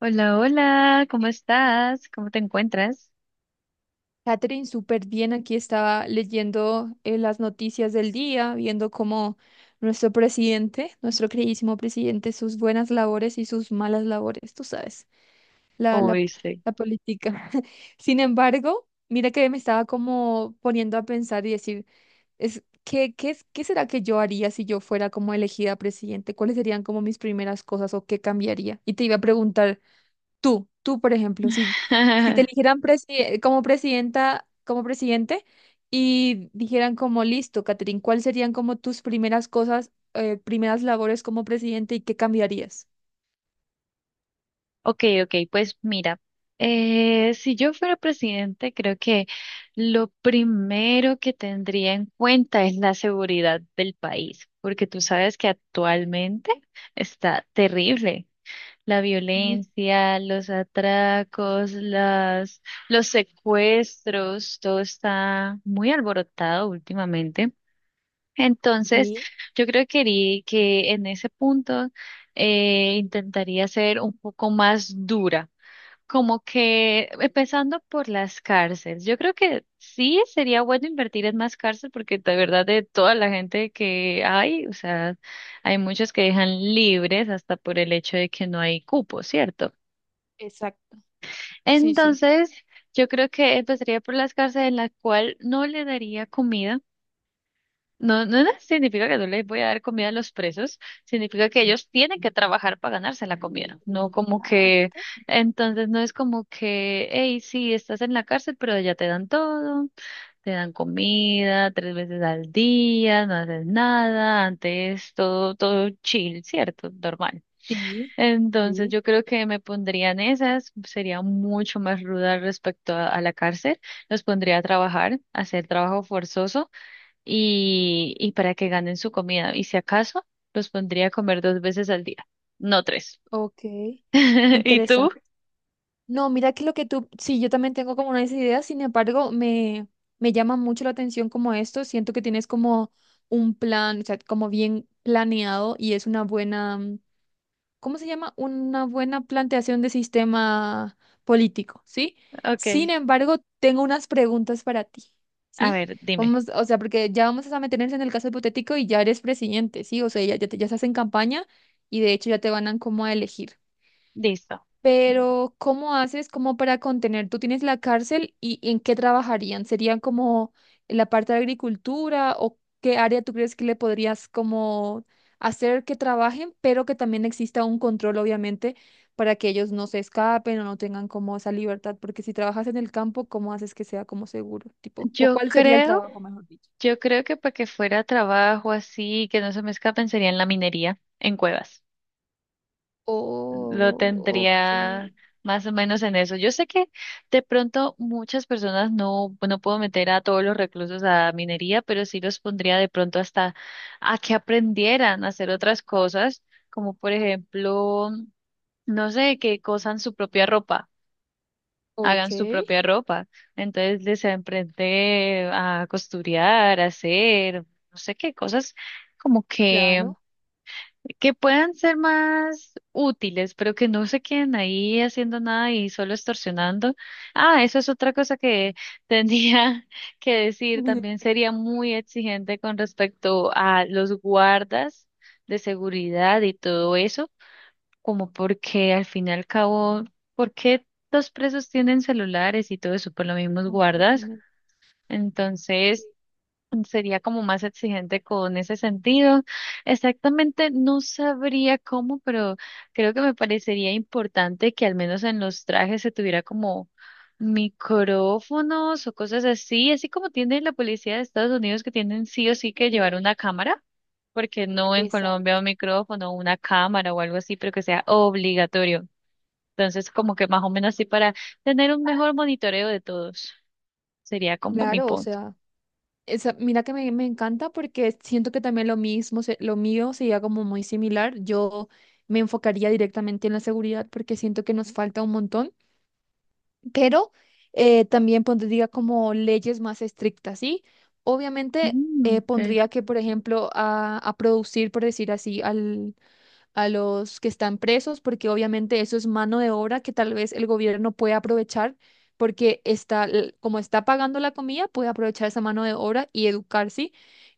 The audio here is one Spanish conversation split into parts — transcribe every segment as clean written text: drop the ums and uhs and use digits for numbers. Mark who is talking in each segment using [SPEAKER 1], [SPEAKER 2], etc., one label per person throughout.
[SPEAKER 1] Hola, hola, ¿cómo estás? ¿Cómo te encuentras?
[SPEAKER 2] Catherine, súper bien. Aquí estaba leyendo las noticias del día, viendo cómo nuestro presidente, nuestro queridísimo presidente, sus buenas labores y sus malas labores, tú sabes, la,
[SPEAKER 1] ¿Cómo
[SPEAKER 2] la,
[SPEAKER 1] viste?
[SPEAKER 2] la política. Sin embargo, mira que me estaba como poniendo a pensar y decir, ¿qué será que yo haría si yo fuera como elegida presidente? ¿Cuáles serían como mis primeras cosas o qué cambiaría? Y te iba a preguntar. Tú, por ejemplo, si te eligieran como presidenta, como presidente y dijeran como listo, Catherine, ¿cuáles serían como tus primeras cosas, primeras labores como presidente y qué cambiarías?
[SPEAKER 1] Ok, ok, pues mira, si yo fuera presidente, creo que lo primero que tendría en cuenta es la seguridad del país, porque tú sabes que actualmente está terrible. La
[SPEAKER 2] Sí,
[SPEAKER 1] violencia, los atracos, los secuestros, todo está muy alborotado últimamente. Entonces,
[SPEAKER 2] sí.
[SPEAKER 1] yo creo que, que en ese punto intentaría ser un poco más dura, como que empezando por las cárceles. Yo creo que sí sería bueno invertir en más cárceles porque de verdad de toda la gente que hay, o sea, hay muchos que dejan libres hasta por el hecho de que no hay cupo, ¿cierto?
[SPEAKER 2] Exacto. Sí, sí,
[SPEAKER 1] Entonces, yo creo que empezaría por las cárceles en las cual no le daría comida. No, no significa que no les voy a dar comida a los presos, significa que ellos tienen que trabajar para ganarse la comida, no como que,
[SPEAKER 2] exacto.
[SPEAKER 1] entonces no es como que, hey, sí, estás en la cárcel, pero ya te dan todo, te dan comida 3 veces al día, no haces nada, antes todo, todo chill, ¿cierto? Normal.
[SPEAKER 2] Sí.
[SPEAKER 1] Entonces
[SPEAKER 2] Sí.
[SPEAKER 1] yo creo que me pondrían esas, sería mucho más ruda respecto a la cárcel, los pondría a trabajar, a hacer trabajo forzoso y para que ganen su comida. Y si acaso, los pondría a comer 2 veces al día, no tres.
[SPEAKER 2] Ok,
[SPEAKER 1] ¿Y tú?
[SPEAKER 2] interesante. No, mira que lo que tú, sí, yo también tengo como unas ideas. Sin embargo, me llama mucho la atención como esto, siento que tienes como un plan, o sea, como bien planeado y es una buena, ¿cómo se llama? Una buena planteación de sistema político, ¿sí?
[SPEAKER 1] Ok,
[SPEAKER 2] Sin embargo, tengo unas preguntas para ti,
[SPEAKER 1] a
[SPEAKER 2] ¿sí?
[SPEAKER 1] ver, dime.
[SPEAKER 2] Vamos, o sea, porque ya vamos a meternos en el caso hipotético y ya eres presidente, ¿sí? O sea, ya estás en campaña y de hecho ya te van a como a elegir.
[SPEAKER 1] Listo.
[SPEAKER 2] Pero, ¿cómo haces como para contener? ¿Tú tienes la cárcel y en qué trabajarían? ¿Serían como en la parte de agricultura o qué área tú crees que le podrías como hacer que trabajen, pero que también exista un control, obviamente, para que ellos no se escapen o no tengan como esa libertad? Porque si trabajas en el campo, ¿cómo haces que sea como seguro? Tipo,
[SPEAKER 1] Yo
[SPEAKER 2] ¿cuál sería el
[SPEAKER 1] creo,
[SPEAKER 2] trabajo, mejor dicho?
[SPEAKER 1] yo creo que para que fuera trabajo así, que no se me escapen, sería en la minería, en cuevas. Lo
[SPEAKER 2] Oh, ok.
[SPEAKER 1] tendría más o menos en eso. Yo sé que de pronto muchas personas no puedo meter a todos los reclusos a minería, pero sí los pondría de pronto hasta a que aprendieran a hacer otras cosas, como por ejemplo, no sé, que cosan su propia ropa. Hagan
[SPEAKER 2] Ok,
[SPEAKER 1] su propia ropa, entonces les aprende a costurar, a hacer, no sé qué cosas como
[SPEAKER 2] claro.
[SPEAKER 1] que puedan ser más útiles, pero que no se queden ahí haciendo nada y solo extorsionando. Ah, eso es otra cosa que tenía que decir. También sería muy exigente con respecto a los guardas de seguridad y todo eso, como porque al fin y al cabo, ¿por qué los presos tienen celulares y todo eso? Por los mismos guardas.
[SPEAKER 2] Completamente.
[SPEAKER 1] Entonces, sería como más exigente con ese sentido. Exactamente, no sabría cómo, pero creo que me parecería importante que al menos en los trajes se tuviera como micrófonos o cosas así, así como tiene la policía de Estados Unidos que tienen sí o sí que
[SPEAKER 2] Sí,
[SPEAKER 1] llevar una cámara, porque no
[SPEAKER 2] sí.
[SPEAKER 1] en Colombia un micrófono, una cámara o algo así, pero que sea obligatorio. Entonces, como que más o menos así para tener un mejor monitoreo de todos, sería como mi
[SPEAKER 2] Claro, o
[SPEAKER 1] punto.
[SPEAKER 2] sea, esa, mira que me encanta porque siento que también lo mismo, lo mío sería como muy similar. Yo me enfocaría directamente en la seguridad porque siento que nos falta un montón, pero también pondría como leyes más estrictas, ¿sí? Obviamente
[SPEAKER 1] Mm, ok.
[SPEAKER 2] pondría que, por ejemplo, a producir, por decir así, a los que están presos, porque obviamente eso es mano de obra que tal vez el gobierno puede aprovechar, porque está, como está pagando la comida, puede aprovechar esa mano de obra y educarse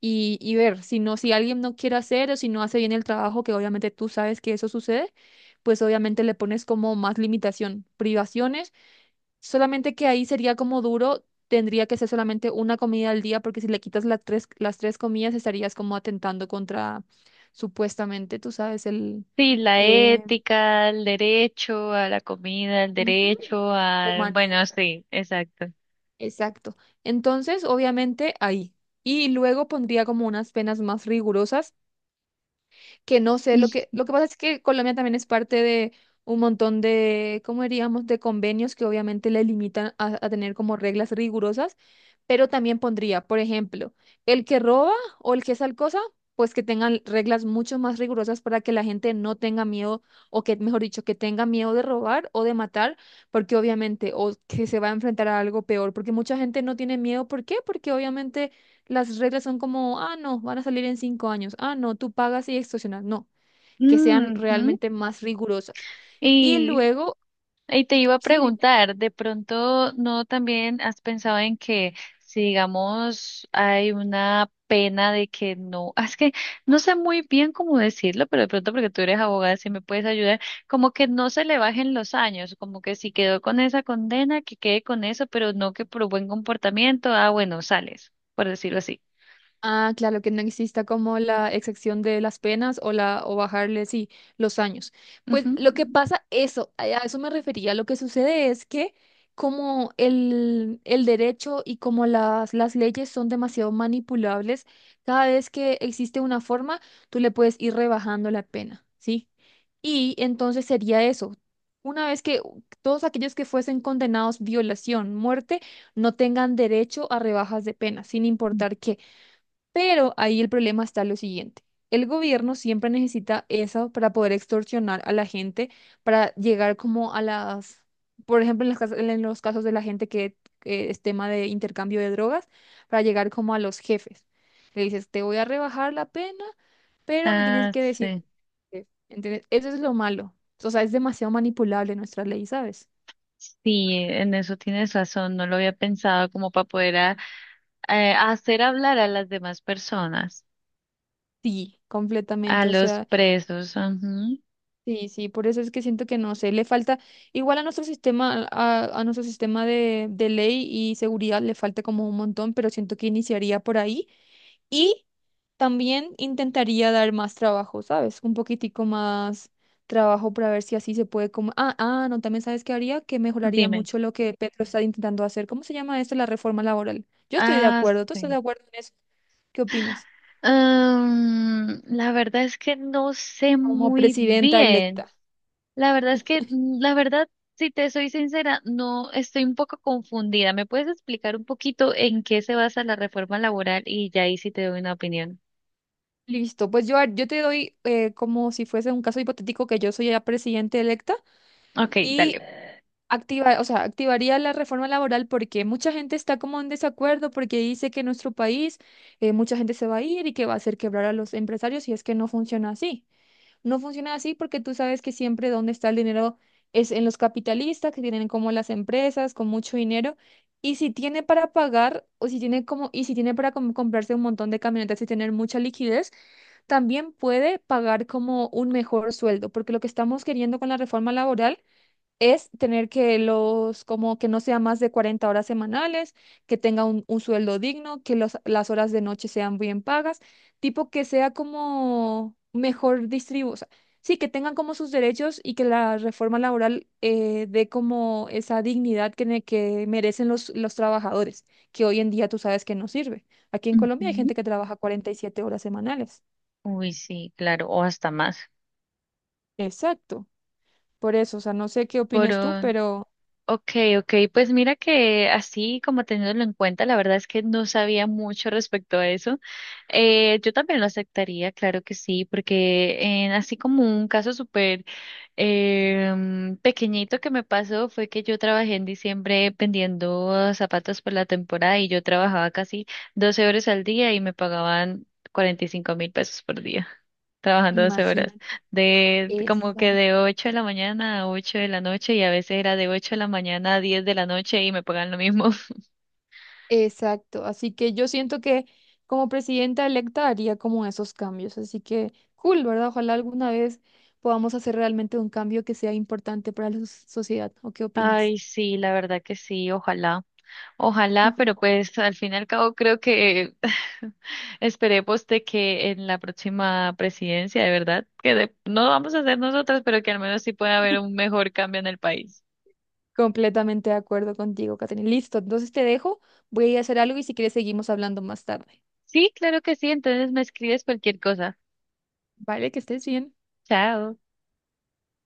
[SPEAKER 2] y ver si no, si alguien no quiere hacer o si no hace bien el trabajo, que obviamente tú sabes que eso sucede, pues obviamente le pones como más limitación, privaciones. Solamente que ahí sería como duro, tendría que ser solamente una comida al día, porque si le quitas las tres comidas estarías como atentando contra, supuestamente, tú sabes, el
[SPEAKER 1] Sí, la
[SPEAKER 2] eh,
[SPEAKER 1] ética, el derecho a la comida, el
[SPEAKER 2] ujú,
[SPEAKER 1] derecho al...
[SPEAKER 2] humanidad.
[SPEAKER 1] Bueno, sí, exacto.
[SPEAKER 2] Exacto. Entonces, obviamente, ahí. Y luego pondría como unas penas más rigurosas que no sé,
[SPEAKER 1] Ujú.
[SPEAKER 2] lo que pasa es que Colombia también es parte de un montón de, ¿cómo diríamos?, de convenios que obviamente le limitan a tener como reglas rigurosas, pero también pondría, por ejemplo, el que roba o el que es cosa, pues que tengan reglas mucho más rigurosas para que la gente no tenga miedo, o que, mejor dicho, que tenga miedo de robar o de matar, porque obviamente, o que se va a enfrentar a algo peor, porque mucha gente no tiene miedo, ¿por qué? Porque obviamente las reglas son como, ah, no, van a salir en 5 años, ah, no, tú pagas y extorsionas. No, que sean realmente más rigurosas. Y
[SPEAKER 1] Y
[SPEAKER 2] luego,
[SPEAKER 1] y te iba a
[SPEAKER 2] sí.
[SPEAKER 1] preguntar, ¿de pronto no también has pensado en que si digamos hay una pena de que no, ah, es que no sé muy bien cómo decirlo, pero de pronto porque tú eres abogada, si me puedes ayudar, como que no se le bajen los años, como que si quedó con esa condena, que quede con eso, pero no que por buen comportamiento, ah, bueno, sales, por decirlo así.
[SPEAKER 2] Ah, claro, que no exista como la exacción de las penas o la o bajarle sí los años.
[SPEAKER 1] Ujú.
[SPEAKER 2] Pues lo que pasa, eso, a eso me refería. Lo que sucede es que como el derecho y como las leyes son demasiado manipulables, cada vez que existe una forma, tú le puedes ir rebajando la pena, ¿sí? Y entonces sería eso. Una vez que todos aquellos que fuesen condenados violación, muerte, no tengan derecho a rebajas de pena, sin importar qué. Pero ahí el problema está lo siguiente. El gobierno siempre necesita eso para poder extorsionar a la gente, para llegar como a las, por ejemplo, en los casos de la gente que es tema de intercambio de drogas, para llegar como a los jefes. Le dices, te voy a rebajar la pena, pero me tienes
[SPEAKER 1] Ah,
[SPEAKER 2] que decir,
[SPEAKER 1] sí.
[SPEAKER 2] que-". ¿Entendés? Eso es lo malo. O sea, es demasiado manipulable nuestra ley, ¿sabes?
[SPEAKER 1] Sí, en eso tienes razón, no lo había pensado como para poder hacer hablar a las demás personas,
[SPEAKER 2] Sí,
[SPEAKER 1] a
[SPEAKER 2] completamente. O
[SPEAKER 1] los
[SPEAKER 2] sea...
[SPEAKER 1] presos. Ujú.
[SPEAKER 2] Sí, sí, por eso es que siento que no sé, le falta, igual a nuestro sistema, a nuestro sistema de ley y seguridad le falta como un montón, pero siento que iniciaría por ahí y también intentaría dar más trabajo, ¿sabes? Un poquitico más trabajo para ver si así se puede como, ah, ah, no, también sabes qué haría, que mejoraría
[SPEAKER 1] Dime.
[SPEAKER 2] mucho lo que Petro está intentando hacer. ¿Cómo se llama esto? La reforma laboral. Yo estoy de
[SPEAKER 1] Ah,
[SPEAKER 2] acuerdo, ¿tú estás de
[SPEAKER 1] sí.
[SPEAKER 2] acuerdo en eso? ¿Qué opinas?
[SPEAKER 1] Mm, la verdad es que no sé
[SPEAKER 2] Como
[SPEAKER 1] muy
[SPEAKER 2] presidenta
[SPEAKER 1] bien.
[SPEAKER 2] electa.
[SPEAKER 1] La verdad es que, la verdad, si te soy sincera, no estoy un poco confundida. ¿Me puedes explicar un poquito en qué se basa la reforma laboral? Y ya ahí sí te doy una opinión.
[SPEAKER 2] Listo, pues yo te doy como si fuese un caso hipotético que yo soy la presidenta electa
[SPEAKER 1] Ok, dale.
[SPEAKER 2] y activa, o sea, activaría la reforma laboral porque mucha gente está como en desacuerdo porque dice que en nuestro país mucha gente se va a ir y que va a hacer quebrar a los empresarios si es que no funciona así. No funciona así porque tú sabes que siempre donde está el dinero es en los capitalistas, que tienen como las empresas con mucho dinero. Y si tiene para pagar o si tiene como, y si tiene para comprarse un montón de camionetas y tener mucha liquidez, también puede pagar como un mejor sueldo, porque lo que estamos queriendo con la reforma laboral es tener que los, como que no sea más de 40 horas semanales, que tenga un sueldo digno, que las horas de noche sean bien pagas, tipo que sea como mejor distribuido, o sea, sí, que tengan como sus derechos y que la reforma laboral dé como esa dignidad que merecen los trabajadores, que hoy en día tú sabes que no sirve. Aquí en Colombia hay
[SPEAKER 1] Ujú.
[SPEAKER 2] gente que trabaja 47 horas semanales.
[SPEAKER 1] Uy, sí, claro, o hasta más.
[SPEAKER 2] Exacto. Por eso, o sea, no sé qué opines tú, pero
[SPEAKER 1] Okay, okay, pues mira que así como teniéndolo en cuenta, la verdad es que no sabía mucho respecto a eso. Yo también lo aceptaría, claro que sí, porque en así como un caso súper pequeñito que me pasó fue que yo trabajé en diciembre vendiendo zapatos por la temporada y yo trabajaba casi 12 horas al día y me pagaban 45.000 pesos por día, trabajando 12 horas
[SPEAKER 2] imagínate.
[SPEAKER 1] de como que
[SPEAKER 2] Exacto.
[SPEAKER 1] de 8 de la mañana a 8 de la noche y a veces era de 8 de la mañana a 10 de la noche y me pagan lo mismo.
[SPEAKER 2] Exacto, así que yo siento que como presidenta electa haría como esos cambios, así que cool, ¿verdad? Ojalá alguna vez podamos hacer realmente un cambio que sea importante para la sociedad, ¿o qué opinas?
[SPEAKER 1] Ay, sí, la verdad que sí, ojalá. Ojalá, pero pues al fin y al cabo creo que esperemos de que en la próxima presidencia, de verdad, no vamos a hacer nosotras, pero que al menos sí pueda haber un mejor cambio en el país.
[SPEAKER 2] Completamente de acuerdo contigo, Catherine. Listo, entonces te dejo, voy a ir a hacer algo y si quieres seguimos hablando más tarde.
[SPEAKER 1] Sí, claro que sí, entonces me escribes cualquier cosa.
[SPEAKER 2] Vale, que estés bien.
[SPEAKER 1] Chao.